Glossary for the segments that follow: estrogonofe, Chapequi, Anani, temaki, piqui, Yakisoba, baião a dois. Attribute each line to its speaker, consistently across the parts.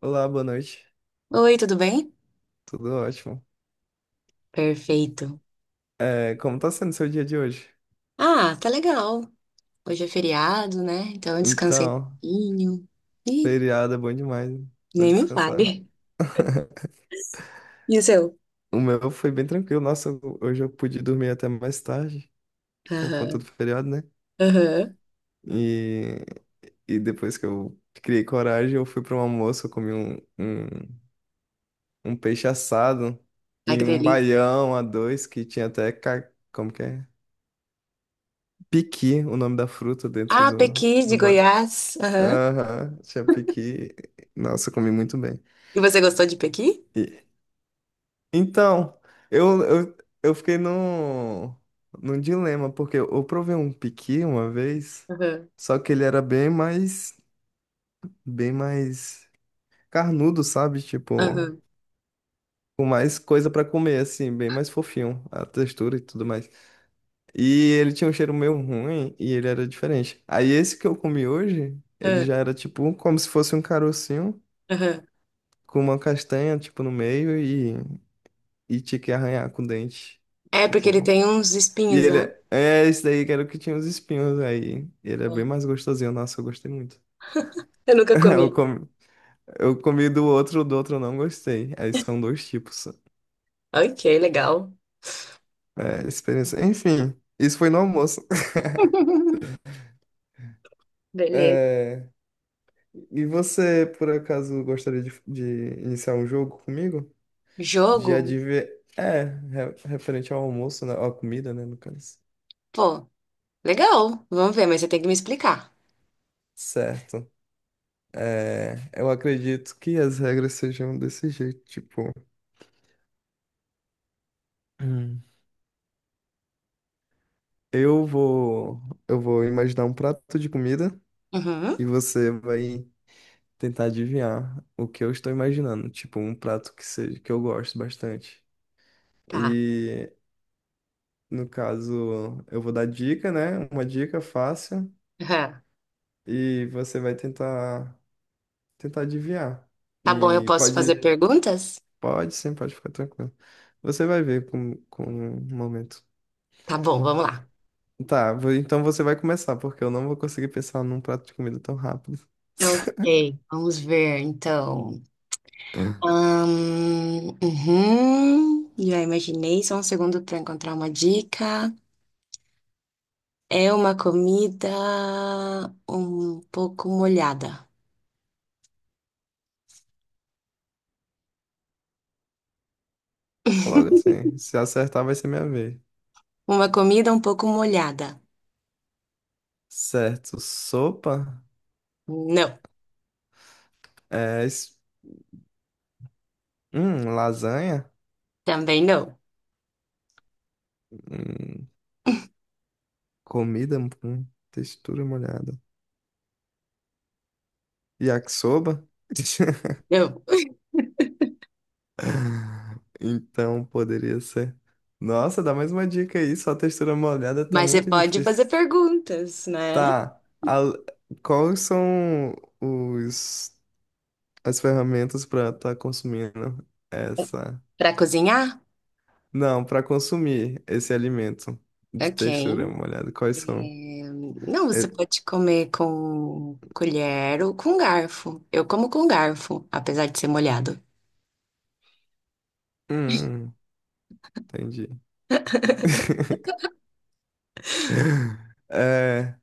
Speaker 1: Olá, boa noite.
Speaker 2: Oi, tudo bem?
Speaker 1: Tudo ótimo.
Speaker 2: Perfeito.
Speaker 1: Como tá sendo seu dia de hoje?
Speaker 2: Ah, tá legal. Hoje é feriado, né? Então eu descansei um
Speaker 1: Então,
Speaker 2: pouquinho. Ih,
Speaker 1: feriado é bom demais, né? Pra
Speaker 2: nem me
Speaker 1: descansar.
Speaker 2: fale. E o seu?
Speaker 1: O meu foi bem tranquilo. Nossa, hoje eu pude dormir até mais tarde, por conta do
Speaker 2: Aham,
Speaker 1: feriado, né?
Speaker 2: aham.
Speaker 1: E, e depois que eu criei coragem, eu fui para um almoço, eu comi um peixe assado
Speaker 2: Ai,
Speaker 1: e
Speaker 2: que
Speaker 1: um
Speaker 2: delícia.
Speaker 1: baião a dois, que tinha até, como que é? Piqui, o nome da fruta dentro
Speaker 2: Ah, Pequi de Goiás. Aham.
Speaker 1: Aham, Chapequi. Nossa, eu comi muito bem.
Speaker 2: E você gostou de Pequi?
Speaker 1: E- então, eu, eu, eu fiquei num dilema, porque eu provei um piqui uma vez,
Speaker 2: Aham,
Speaker 1: só que ele era bem mais carnudo, sabe? Tipo,
Speaker 2: aham,
Speaker 1: com mais coisa pra comer, assim, bem mais fofinho, a textura e tudo mais. E ele tinha um cheiro meio ruim e ele era diferente. Aí esse que eu comi hoje, ele
Speaker 2: aham,
Speaker 1: já era tipo como se fosse um carocinho
Speaker 2: aham.
Speaker 1: com uma castanha, tipo, no meio e tinha que arranhar com o dente.
Speaker 2: É, porque ele
Speaker 1: Tipo.
Speaker 2: tem uns
Speaker 1: E
Speaker 2: espinhos
Speaker 1: ele
Speaker 2: lá.
Speaker 1: é. É, esse daí que era o que tinha os espinhos aí. Ele é bem
Speaker 2: Ó,
Speaker 1: mais gostosinho. Nossa, eu gostei muito.
Speaker 2: eu nunca
Speaker 1: Eu
Speaker 2: comi.
Speaker 1: comi, eu comi do outro eu não gostei. Aí são dois tipos.
Speaker 2: Ok, legal.
Speaker 1: É, experiência. Enfim, isso foi no almoço.
Speaker 2: Beleza.
Speaker 1: É, e você, por acaso, gostaria de iniciar um jogo comigo? De
Speaker 2: Jogo?
Speaker 1: adivinhar. É, referente ao almoço, né? Ou à comida, né, no caso.
Speaker 2: Pô, legal. Vamos ver, mas você tem que me explicar.
Speaker 1: Certo. É, eu acredito que as regras sejam desse jeito, tipo, Hum. Eu vou eu vou, imaginar um prato de comida
Speaker 2: Uhum.
Speaker 1: e você vai tentar adivinhar o que eu estou imaginando, tipo, um prato que seja que eu gosto bastante.
Speaker 2: Tá.
Speaker 1: E no caso, eu vou dar dica, né? Uma dica fácil
Speaker 2: Aham.
Speaker 1: e você vai tentar adivinhar.
Speaker 2: Tá bom, eu
Speaker 1: E
Speaker 2: posso
Speaker 1: pode,
Speaker 2: fazer perguntas?
Speaker 1: pode sim, pode ficar tranquilo. Você vai ver com o momento.
Speaker 2: Tá bom, vamos lá.
Speaker 1: Tá, então você vai começar, porque eu não vou conseguir pensar num prato de comida tão rápido.
Speaker 2: Ok, vamos ver então. Uhum, já imaginei, só um segundo para encontrar uma dica. É uma comida um pouco molhada.
Speaker 1: Logo assim, se acertar vai ser minha vez.
Speaker 2: Uma comida um pouco molhada.
Speaker 1: Certo, sopa,
Speaker 2: Não,
Speaker 1: é, es- lasanha,
Speaker 2: também não.
Speaker 1: hum, comida com textura molhada. Yakisoba?
Speaker 2: Não.
Speaker 1: Então poderia ser. Nossa, dá mais uma dica aí, só textura molhada tá
Speaker 2: Mas você
Speaker 1: muito
Speaker 2: pode fazer
Speaker 1: difícil.
Speaker 2: perguntas, né?
Speaker 1: Tá, quais são os as ferramentas para estar consumindo essa.
Speaker 2: Para cozinhar?
Speaker 1: Não, para consumir esse alimento de
Speaker 2: Ok.
Speaker 1: textura molhada. Quais são?
Speaker 2: É, Não, você
Speaker 1: É-
Speaker 2: pode comer com colher ou com garfo. Eu como com garfo, apesar de ser molhado.
Speaker 1: Hum, entendi. É,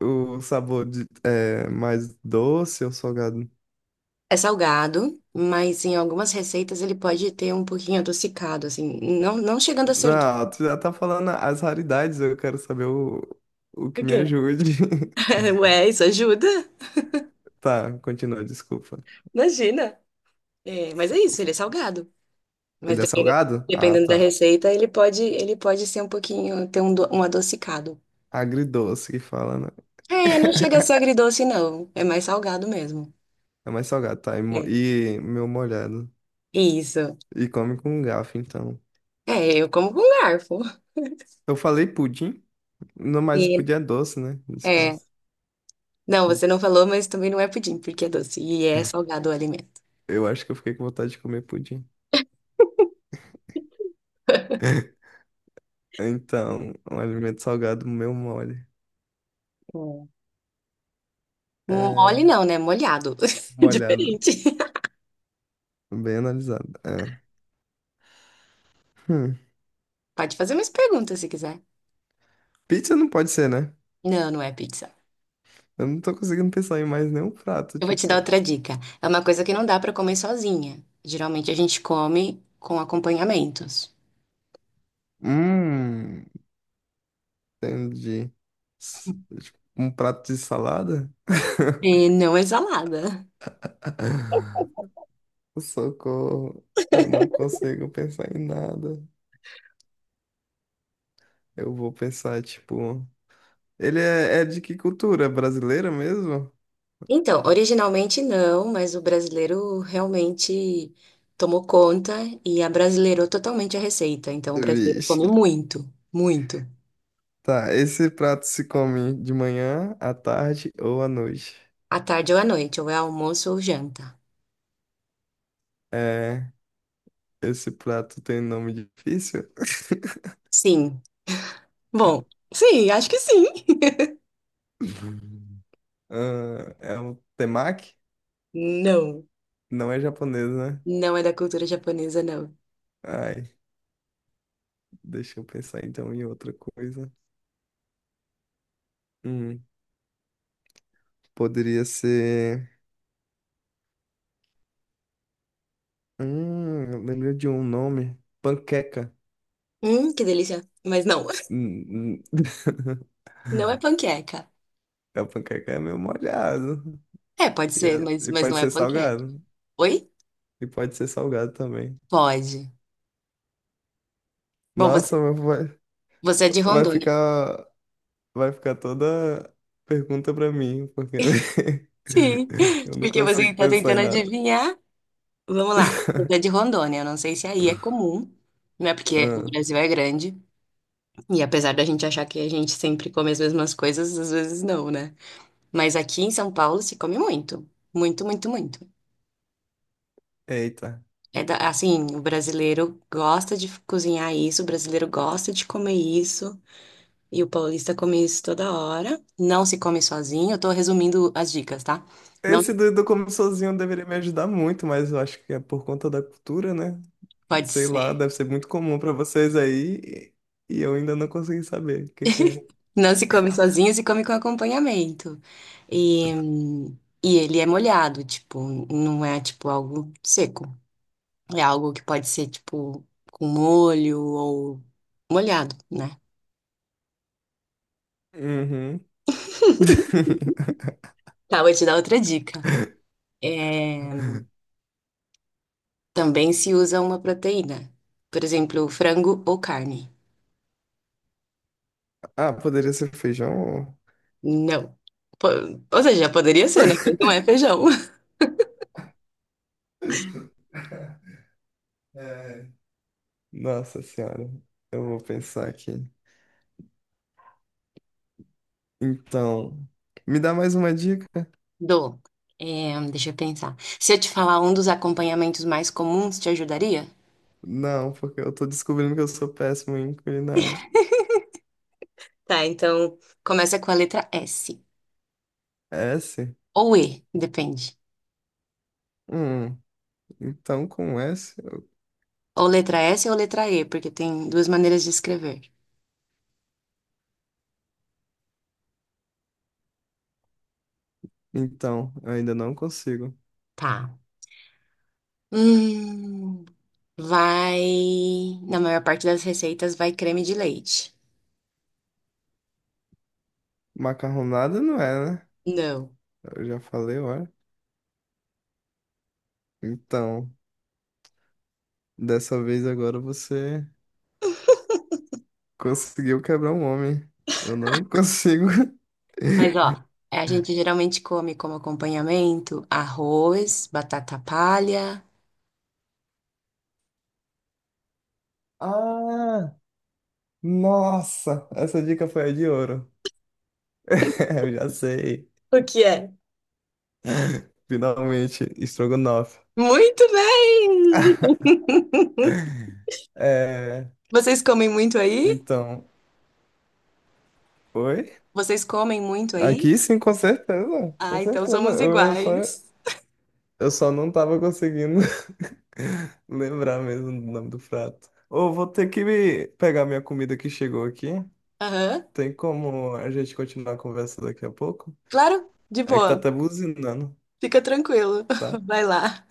Speaker 1: o sabor de, é mais doce ou salgado?
Speaker 2: É salgado, mas em algumas receitas ele pode ter um pouquinho adocicado, assim, não chegando a ser doce.
Speaker 1: Não, tu já tá falando as raridades, eu quero saber o que
Speaker 2: Por
Speaker 1: me
Speaker 2: quê?
Speaker 1: ajude.
Speaker 2: Ué, isso ajuda?
Speaker 1: Tá, continua, desculpa.
Speaker 2: Imagina. É, mas é isso, ele é salgado. Mas
Speaker 1: Ele é
Speaker 2: dependendo,
Speaker 1: salgado? Ah,
Speaker 2: dependendo da
Speaker 1: tá.
Speaker 2: receita, ele pode ser um pouquinho, ter um, um adocicado.
Speaker 1: Agridoce que fala, né?
Speaker 2: É, não chega a ser agridoce, não. É mais salgado mesmo.
Speaker 1: É mais salgado, tá? E,
Speaker 2: É,
Speaker 1: e meu molhado.
Speaker 2: isso.
Speaker 1: E come com garfo, então.
Speaker 2: É, eu como com garfo.
Speaker 1: Eu falei pudim, não, mas o
Speaker 2: E,
Speaker 1: pudim é doce, né?
Speaker 2: é,
Speaker 1: Disfarça.
Speaker 2: não, você não falou, mas também não é pudim, porque é doce e é salgado o alimento.
Speaker 1: Eu acho que eu fiquei com vontade de comer pudim. Então, um alimento salgado, meu mole.
Speaker 2: É. Mole
Speaker 1: É
Speaker 2: não, né? Molhado.
Speaker 1: molhado,
Speaker 2: Diferente.
Speaker 1: bem analisado. É. Hum.
Speaker 2: Pode fazer mais perguntas se quiser.
Speaker 1: Pizza não pode ser, né?
Speaker 2: Não, não é pizza.
Speaker 1: Eu não tô conseguindo pensar em mais nenhum prato,
Speaker 2: Eu vou te dar
Speaker 1: tipo.
Speaker 2: outra dica. É uma coisa que não dá pra comer sozinha. Geralmente a gente come com acompanhamentos.
Speaker 1: Hum, entendi. S- tipo, um prato de salada?
Speaker 2: E não é salada.
Speaker 1: Socorro, eu não consigo pensar em nada. Eu vou pensar, tipo. Ele é, é de que cultura? Brasileira mesmo?
Speaker 2: Então, originalmente não, mas o brasileiro realmente tomou conta e abrasileirou totalmente a receita. Então, o brasileiro come
Speaker 1: Vixe.
Speaker 2: muito, muito.
Speaker 1: Tá, esse prato se come de manhã, à tarde ou à noite?
Speaker 2: À tarde ou à noite, ou é almoço ou janta.
Speaker 1: É, esse prato tem nome difícil?
Speaker 2: Sim. Bom, sim, acho que sim.
Speaker 1: Ah, é um temaki?
Speaker 2: Não,
Speaker 1: Não é japonês, né?
Speaker 2: não é da cultura japonesa, não.
Speaker 1: Ai, deixa eu pensar então em outra coisa. Hum, poderia ser. Eu lembrei de um nome. Panqueca.
Speaker 2: Que delícia. Mas não,
Speaker 1: Hum, hum,
Speaker 2: não é panqueca.
Speaker 1: A panqueca é meio molhado.
Speaker 2: É, pode
Speaker 1: E,
Speaker 2: ser,
Speaker 1: e
Speaker 2: mas não
Speaker 1: pode
Speaker 2: é
Speaker 1: ser
Speaker 2: panqueca.
Speaker 1: salgado.
Speaker 2: Oi?
Speaker 1: E pode ser salgado também.
Speaker 2: Pode. Bom,
Speaker 1: Nossa,
Speaker 2: você é de
Speaker 1: vai
Speaker 2: Rondônia.
Speaker 1: ficar, vai ficar toda pergunta pra mim, porque
Speaker 2: Sim,
Speaker 1: eu não
Speaker 2: porque você
Speaker 1: consigo
Speaker 2: está
Speaker 1: pensar em
Speaker 2: tentando
Speaker 1: nada.
Speaker 2: adivinhar. Vamos lá. Você é de Rondônia, eu não sei se aí é comum, né? Porque o
Speaker 1: Ah,
Speaker 2: Brasil é grande e apesar da gente achar que a gente sempre come as mesmas coisas, às vezes não, né? Mas aqui em São Paulo se come muito, muito, muito, muito.
Speaker 1: eita.
Speaker 2: Assim, o brasileiro gosta de cozinhar isso, o brasileiro gosta de comer isso e o paulista come isso toda hora. Não se come sozinho. Eu tô resumindo as dicas, tá? Não
Speaker 1: Esse
Speaker 2: se-
Speaker 1: do, do como sozinho deveria me ajudar muito, mas eu acho que é por conta da cultura, né?
Speaker 2: pode
Speaker 1: Sei lá,
Speaker 2: ser.
Speaker 1: deve ser muito comum pra vocês aí e eu ainda não consegui saber o que que é.
Speaker 2: Não se come sozinho, se come com acompanhamento. E, e ele é molhado, tipo, não é tipo algo seco. É algo que pode ser tipo com molho ou molhado, né?
Speaker 1: Uhum.
Speaker 2: Tá, vou te dar outra dica. É, também se usa uma proteína. Por exemplo, frango ou carne.
Speaker 1: Ah, poderia ser feijão?
Speaker 2: Não. Po- Ou seja, poderia ser, né? Mas não é feijão.
Speaker 1: É, nossa senhora, eu vou pensar aqui. Então, me dá mais uma dica?
Speaker 2: Do. É, deixa eu pensar. Se eu te falar um dos acompanhamentos mais comuns, te ajudaria?
Speaker 1: Não, porque eu tô descobrindo que eu sou péssimo em culinária.
Speaker 2: Tá, então começa com a letra S.
Speaker 1: É S?
Speaker 2: Ou E, depende.
Speaker 1: Hum, então com S,
Speaker 2: Ou letra S ou letra E, porque tem duas maneiras de escrever.
Speaker 1: então, eu ainda não consigo.
Speaker 2: Tá. Hum, vai. Na maior parte das receitas vai creme de leite.
Speaker 1: Macarronada não é, né?
Speaker 2: Não.
Speaker 1: Eu já falei, olha. Então, dessa vez agora você conseguiu quebrar um homem. Eu não consigo.
Speaker 2: Mas ó, a gente geralmente come como acompanhamento arroz, batata palha.
Speaker 1: Ah! Nossa, essa dica foi a de ouro. Eu já sei.
Speaker 2: O que é?
Speaker 1: Finalmente, estrogonofe.
Speaker 2: Muito bem!
Speaker 1: É,
Speaker 2: Vocês comem muito aí?
Speaker 1: então, oi?
Speaker 2: Vocês comem muito aí?
Speaker 1: Aqui sim, com certeza. Com
Speaker 2: Ah, então
Speaker 1: certeza.
Speaker 2: somos iguais.
Speaker 1: Eu só não tava conseguindo lembrar mesmo do nome do prato. Ou vou ter que pegar minha comida que chegou aqui.
Speaker 2: Aham.
Speaker 1: Tem como a gente continuar a conversa daqui a pouco?
Speaker 2: Claro, de
Speaker 1: É que tá
Speaker 2: boa.
Speaker 1: até buzinando,
Speaker 2: Fica tranquilo.
Speaker 1: tá?
Speaker 2: Vai lá.